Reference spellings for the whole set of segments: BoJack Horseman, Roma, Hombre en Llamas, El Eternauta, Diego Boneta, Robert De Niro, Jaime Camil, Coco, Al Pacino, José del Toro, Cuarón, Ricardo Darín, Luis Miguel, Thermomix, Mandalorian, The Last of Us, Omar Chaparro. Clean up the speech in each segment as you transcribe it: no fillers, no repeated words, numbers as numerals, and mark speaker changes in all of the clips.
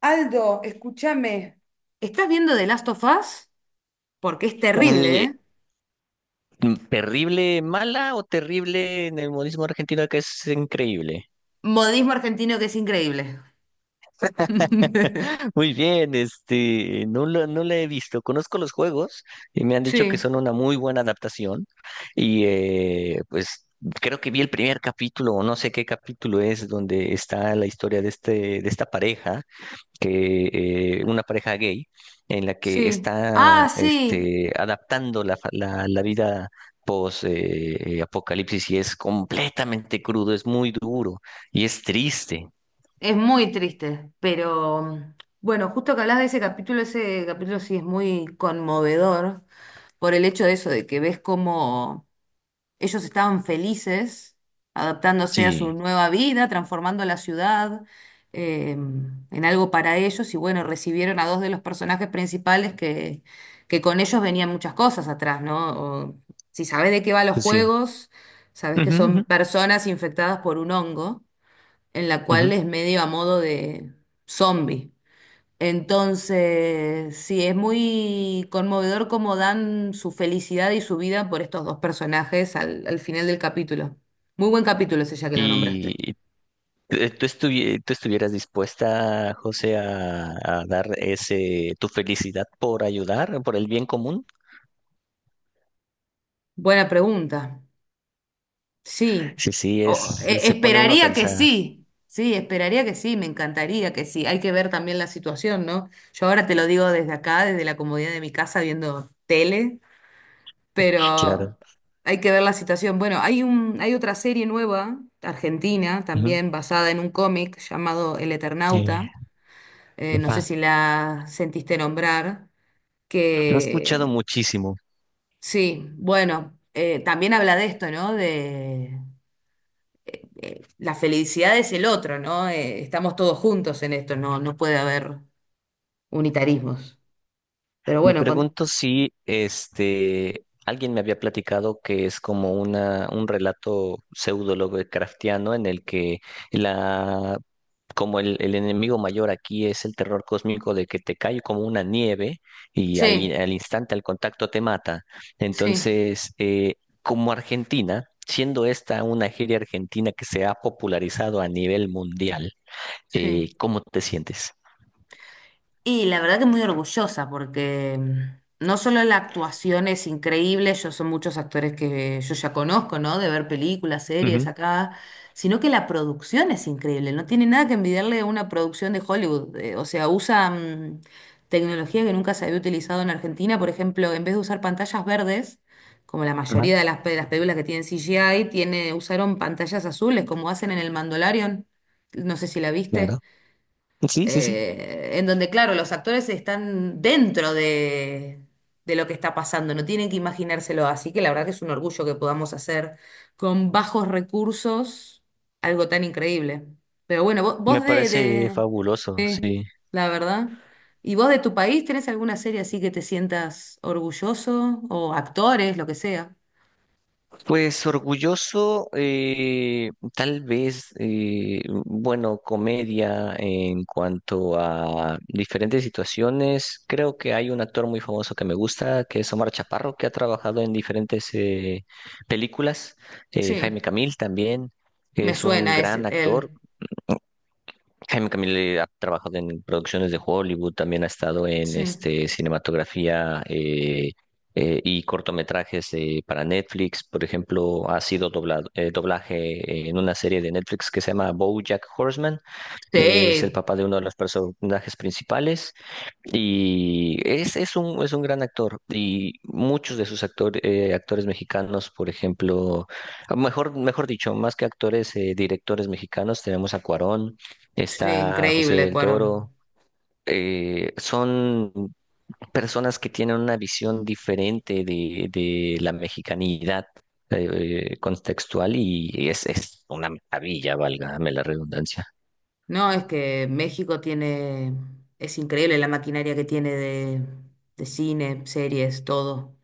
Speaker 1: Aldo, escúchame. ¿Estás viendo The Last of Us? Porque es terrible,
Speaker 2: Eh,
Speaker 1: ¿eh?
Speaker 2: ¿Terrible mala o terrible en el modismo argentino que es increíble?
Speaker 1: Modismo argentino que es increíble.
Speaker 2: Muy bien, no la he visto. Conozco los juegos y me han dicho que
Speaker 1: Sí,
Speaker 2: son una muy buena adaptación. Pues creo que vi el primer capítulo, o no sé qué capítulo es, donde está la historia de de esta pareja, que una pareja gay en la que
Speaker 1: sí.
Speaker 2: está
Speaker 1: Ah, sí.
Speaker 2: adaptando la vida post apocalipsis, y es completamente crudo, es muy duro y es triste.
Speaker 1: Es muy triste, pero bueno, justo que hablas de ese capítulo sí es muy conmovedor por el hecho de eso, de que ves cómo ellos estaban felices adaptándose a su
Speaker 2: Sí,
Speaker 1: nueva vida, transformando la ciudad en algo para ellos. Y bueno, recibieron a dos de los personajes principales que con ellos venían muchas cosas atrás, ¿no? O, si sabes de qué va los
Speaker 2: sí.
Speaker 1: juegos, sabes que
Speaker 2: Ujú, ujú,
Speaker 1: son personas infectadas por un hongo, en la cual
Speaker 2: ujú.
Speaker 1: es medio a modo de zombie. Entonces, sí, es muy conmovedor cómo dan su felicidad y su vida por estos dos personajes al final del capítulo. Muy buen capítulo ese ya que lo
Speaker 2: Y
Speaker 1: nombraste.
Speaker 2: tú, tú estuvieras dispuesta, José, a dar ese tu felicidad por ayudar, por el bien común.
Speaker 1: Buena pregunta. Sí.
Speaker 2: Sí, sí, es, se pone uno a
Speaker 1: Esperaría que
Speaker 2: pensar.
Speaker 1: sí. Sí, esperaría que sí, me encantaría que sí. Hay que ver también la situación, ¿no? Yo ahora te lo digo desde acá, desde la comodidad de mi casa, viendo tele,
Speaker 2: Claro.
Speaker 1: pero hay que ver la situación. Bueno, hay otra serie nueva, argentina,
Speaker 2: Ujú.
Speaker 1: también basada en un cómic llamado El Eternauta.
Speaker 2: Eh,
Speaker 1: No sé si la sentiste nombrar,
Speaker 2: Lo he escuchado
Speaker 1: que
Speaker 2: muchísimo.
Speaker 1: sí, bueno, también habla de esto, ¿no? De la felicidad es el otro, ¿no? Estamos todos juntos en esto, no puede haber unitarismos. Pero
Speaker 2: Me
Speaker 1: bueno, con...
Speaker 2: pregunto si alguien me había platicado que es como una, un relato pseudo Lovecraftiano en el que la como el enemigo mayor aquí es el terror cósmico de que te cae como una nieve y
Speaker 1: sí,
Speaker 2: al instante, al contacto te mata.
Speaker 1: sí,
Speaker 2: Entonces, como Argentina, siendo esta una serie argentina que se ha popularizado a nivel mundial,
Speaker 1: sí.
Speaker 2: ¿cómo te sientes?
Speaker 1: Y la verdad que muy orgullosa porque no solo la actuación es increíble, yo son muchos actores que yo ya conozco, ¿no? De ver películas, series
Speaker 2: Ujú.
Speaker 1: acá, sino que la producción es increíble, no tiene nada que envidiarle a una producción de Hollywood, o sea, usa tecnología que nunca se había utilizado en Argentina, por ejemplo, en vez de usar pantallas verdes, como la
Speaker 2: Ajá.
Speaker 1: mayoría de las películas que tienen CGI, tiene, usaron pantallas azules, como hacen en el Mandalorian, no sé si la viste,
Speaker 2: Claro. Sí, sí, sí.
Speaker 1: en donde, claro, los actores están dentro de lo que está pasando, no tienen que imaginárselo. Así que la verdad que es un orgullo que podamos hacer con bajos recursos algo tan increíble. Pero bueno, vos,
Speaker 2: Me
Speaker 1: vos
Speaker 2: parece fabuloso,
Speaker 1: de-
Speaker 2: sí.
Speaker 1: la verdad. ¿Y vos de tu país tenés alguna serie así que te sientas orgulloso? O actores, lo que sea.
Speaker 2: Pues orgulloso, tal vez, bueno, comedia en cuanto a diferentes situaciones. Creo que hay un actor muy famoso que me gusta, que es Omar Chaparro, que ha trabajado en diferentes películas. Jaime
Speaker 1: Sí,
Speaker 2: Camil también, que
Speaker 1: me
Speaker 2: es un
Speaker 1: suena ese,
Speaker 2: gran actor.
Speaker 1: él.
Speaker 2: Jaime Camille ha trabajado en producciones de Hollywood, también ha estado en
Speaker 1: Sí.
Speaker 2: cinematografía y cortometrajes para Netflix. Por ejemplo, ha sido doblado, doblaje en una serie de Netflix que se llama BoJack Horseman. Es el
Speaker 1: Sí,
Speaker 2: papá de uno de los personajes principales y es un gran actor. Y muchos de sus actores mexicanos, por ejemplo, ah, mejor, mejor dicho, más que actores, directores mexicanos, tenemos a Cuarón,
Speaker 1: sí,
Speaker 2: está José
Speaker 1: increíble,
Speaker 2: del
Speaker 1: Cuarón.
Speaker 2: Toro. Son personas que tienen una visión diferente de la mexicanidad contextual, y es una maravilla, valga la redundancia.
Speaker 1: No, es que México tiene, es increíble la maquinaria que tiene de cine, series, todo.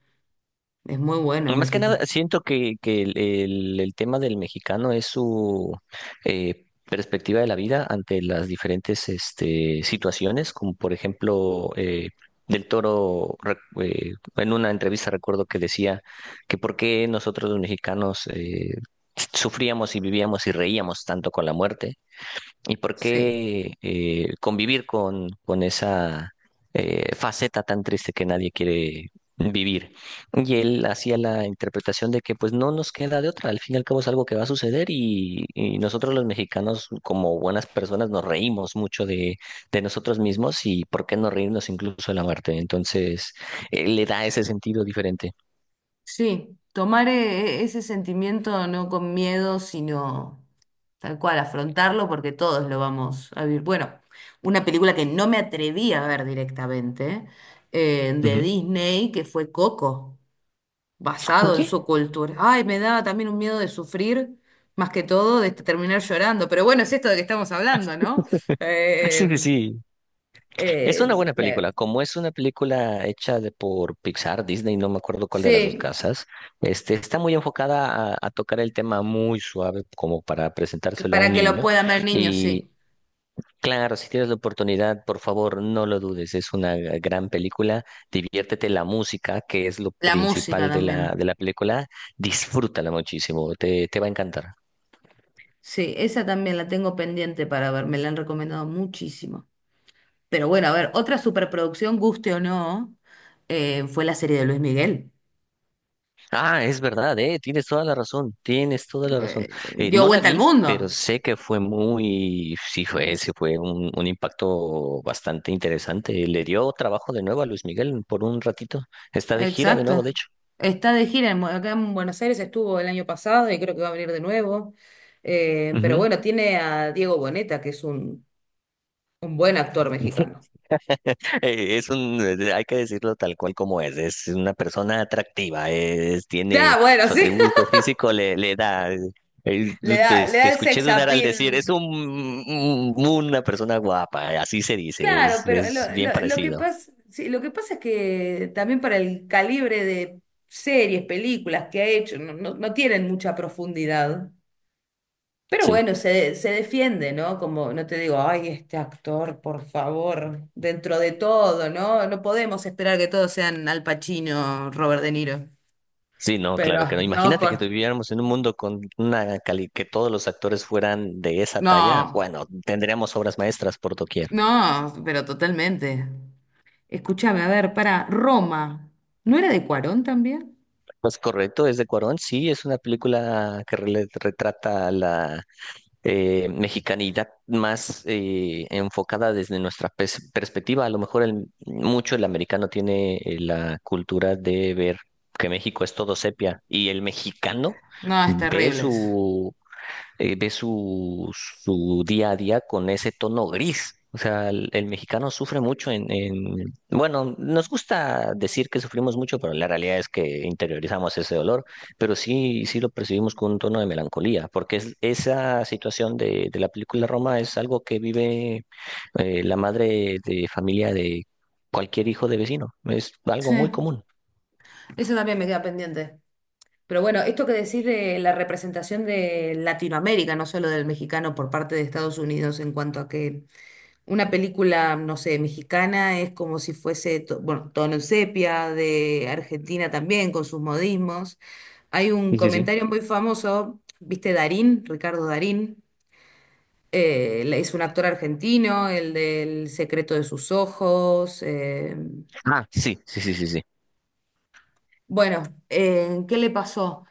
Speaker 1: Es muy bueno
Speaker 2: Más que nada,
Speaker 1: México.
Speaker 2: siento que el tema del mexicano es su perspectiva de la vida ante las diferentes situaciones, como por ejemplo Del Toro, en una entrevista recuerdo que decía que por qué nosotros los mexicanos sufríamos y vivíamos y reíamos tanto con la muerte, y por
Speaker 1: Sí,
Speaker 2: qué convivir con esa faceta tan triste que nadie quiere vivir. Y él hacía la interpretación de que pues no nos queda de otra, al fin y al cabo es algo que va a suceder y nosotros los mexicanos como buenas personas nos reímos mucho de nosotros mismos, y por qué no reírnos incluso de la muerte. Entonces, le da ese sentido diferente.
Speaker 1: sí, tomar ese sentimiento no con miedo, sino tal cual, afrontarlo porque todos lo vamos a vivir. Bueno, una película que no me atreví a ver directamente, de
Speaker 2: Ujú.
Speaker 1: Disney, que fue Coco,
Speaker 2: ¿Por
Speaker 1: basado en
Speaker 2: qué?
Speaker 1: su cultura. Ay, me da también un miedo de sufrir, más que todo de este, terminar llorando. Pero bueno, es esto de que estamos hablando, ¿no?
Speaker 2: Sí, sí,
Speaker 1: Eh,
Speaker 2: sí. Es una
Speaker 1: eh,
Speaker 2: buena
Speaker 1: me-
Speaker 2: película. Como es una película hecha de, por Pixar, Disney, no me acuerdo cuál de las dos
Speaker 1: sí,
Speaker 2: casas, está muy enfocada a tocar el tema muy suave como para
Speaker 1: que
Speaker 2: presentárselo a
Speaker 1: para
Speaker 2: un
Speaker 1: que lo
Speaker 2: niño.
Speaker 1: puedan ver niños,
Speaker 2: Y
Speaker 1: sí.
Speaker 2: claro, si tienes la oportunidad, por favor, no lo dudes. Es una gran película. Diviértete la música, que es lo
Speaker 1: La música
Speaker 2: principal de
Speaker 1: también.
Speaker 2: la película. Disfrútala muchísimo. Te va a encantar.
Speaker 1: Sí, esa también la tengo pendiente para ver, me la han recomendado muchísimo. Pero bueno, a ver, otra superproducción, guste o no, fue la serie de Luis Miguel.
Speaker 2: Ah, es verdad, tienes toda la razón, tienes toda la razón.
Speaker 1: Dio
Speaker 2: No la
Speaker 1: vuelta al
Speaker 2: vi, pero
Speaker 1: mundo.
Speaker 2: sé que fue muy, sí fue un impacto bastante interesante. Le dio trabajo de nuevo a Luis Miguel por un ratito. Está de gira de nuevo, de
Speaker 1: Exacto.
Speaker 2: hecho.
Speaker 1: Está de gira en acá en Buenos Aires, estuvo el año pasado y creo que va a venir de nuevo. Pero bueno, tiene a Diego Boneta, que es un buen actor
Speaker 2: Ujú.
Speaker 1: mexicano.
Speaker 2: Es un, hay que decirlo tal cual como es una persona atractiva, es, tiene
Speaker 1: Claro, bueno,
Speaker 2: su
Speaker 1: sí.
Speaker 2: atributo físico, le da, eh, te,
Speaker 1: Le da
Speaker 2: te
Speaker 1: el
Speaker 2: escuché
Speaker 1: sex
Speaker 2: dudar al decir,
Speaker 1: appeal.
Speaker 2: es un, una persona guapa, así se dice,
Speaker 1: Claro, pero
Speaker 2: es bien
Speaker 1: lo que
Speaker 2: parecido.
Speaker 1: pasa, sí, lo que pasa es que también para el calibre de series, películas que ha hecho, no tienen mucha profundidad. Pero
Speaker 2: Sí,
Speaker 1: bueno, se defiende, ¿no? Como no te digo, ay, este actor, por favor, dentro de todo, ¿no? No podemos esperar que todos sean Al Pacino, Robert De Niro.
Speaker 2: sí, no,
Speaker 1: Pero
Speaker 2: claro que no.
Speaker 1: no,
Speaker 2: Imagínate que
Speaker 1: por...
Speaker 2: viviéramos en un mundo con una cali, que todos los actores fueran de esa talla,
Speaker 1: No,
Speaker 2: bueno, tendríamos obras maestras por doquier.
Speaker 1: no, pero totalmente. Escúchame, a ver, para Roma, ¿no era de Cuarón también?
Speaker 2: Pues correcto, es de Cuarón, sí, es una película que retrata la mexicanidad más enfocada desde nuestra perspectiva. A lo mejor mucho el americano tiene la cultura de ver que México es todo sepia, y el mexicano
Speaker 1: No, es
Speaker 2: ve
Speaker 1: terrible eso.
Speaker 2: su ve su, su día a día con ese tono gris. O sea, el mexicano sufre mucho en, bueno, nos gusta decir que sufrimos mucho, pero la realidad es que interiorizamos ese dolor, pero sí, sí lo percibimos con un tono de melancolía, porque es, esa situación de la película Roma es algo que vive la madre de familia de cualquier hijo de vecino. Es algo
Speaker 1: Sí,
Speaker 2: muy común.
Speaker 1: eso también me queda pendiente. Pero bueno, esto que decís de la representación de Latinoamérica, no solo del mexicano por parte de Estados Unidos en cuanto a que una película, no sé, mexicana es como si fuese, bueno, tono en sepia, de Argentina también, con sus modismos. Hay un
Speaker 2: Sí, sí, sí.
Speaker 1: comentario muy famoso, ¿viste Darín? Ricardo Darín. Es un actor argentino, el del secreto de sus ojos.
Speaker 2: Ah, sí, sí, sí, sí, sí.
Speaker 1: Bueno, ¿qué le pasó?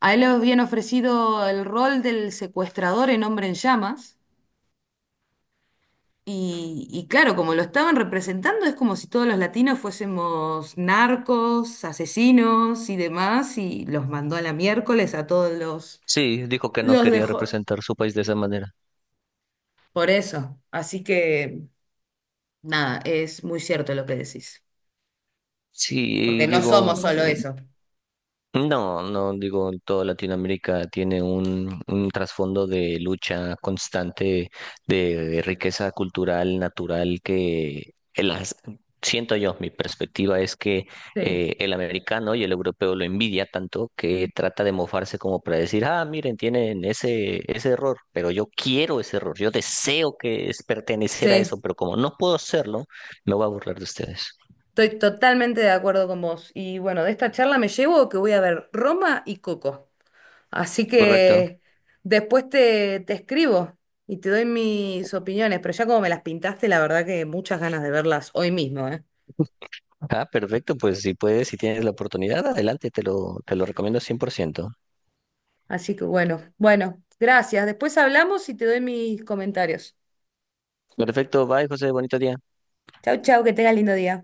Speaker 1: A él le habían ofrecido el rol del secuestrador en Hombre en Llamas. Y claro, como lo estaban representando, es como si todos los latinos fuésemos narcos, asesinos y demás, y los mandó a la miércoles a todos los...
Speaker 2: Sí, dijo que no
Speaker 1: Los
Speaker 2: quería
Speaker 1: dejó.
Speaker 2: representar su país de esa manera.
Speaker 1: Por eso. Así que nada, es muy cierto lo que decís. Porque
Speaker 2: Sí,
Speaker 1: no
Speaker 2: digo,
Speaker 1: somos solo
Speaker 2: mm,
Speaker 1: eso.
Speaker 2: no, no, digo, toda Latinoamérica tiene un trasfondo de lucha constante de, riqueza cultural, natural, que siento yo, mi perspectiva es que
Speaker 1: Sí,
Speaker 2: el americano y el europeo lo envidia tanto que trata de mofarse como para decir, ah, miren, tienen ese, ese error, pero yo quiero ese error, yo deseo que es pertenecer a
Speaker 1: sí,
Speaker 2: eso, pero como no puedo hacerlo, me voy a burlar de ustedes.
Speaker 1: estoy totalmente de acuerdo con vos. Y bueno, de esta charla me llevo que voy a ver Roma y Coco. Así
Speaker 2: Correcto.
Speaker 1: que después te escribo y te doy mis opiniones, pero ya como me las pintaste, la verdad que muchas ganas de verlas hoy mismo, ¿eh?
Speaker 2: Ah, perfecto, pues si puedes, si tienes la oportunidad, adelante, te lo recomiendo 100%.
Speaker 1: Así que bueno, bueno, gracias. Después hablamos y te doy mis comentarios.
Speaker 2: Perfecto, bye, José, bonito día.
Speaker 1: Chau, chau, que tengas lindo día.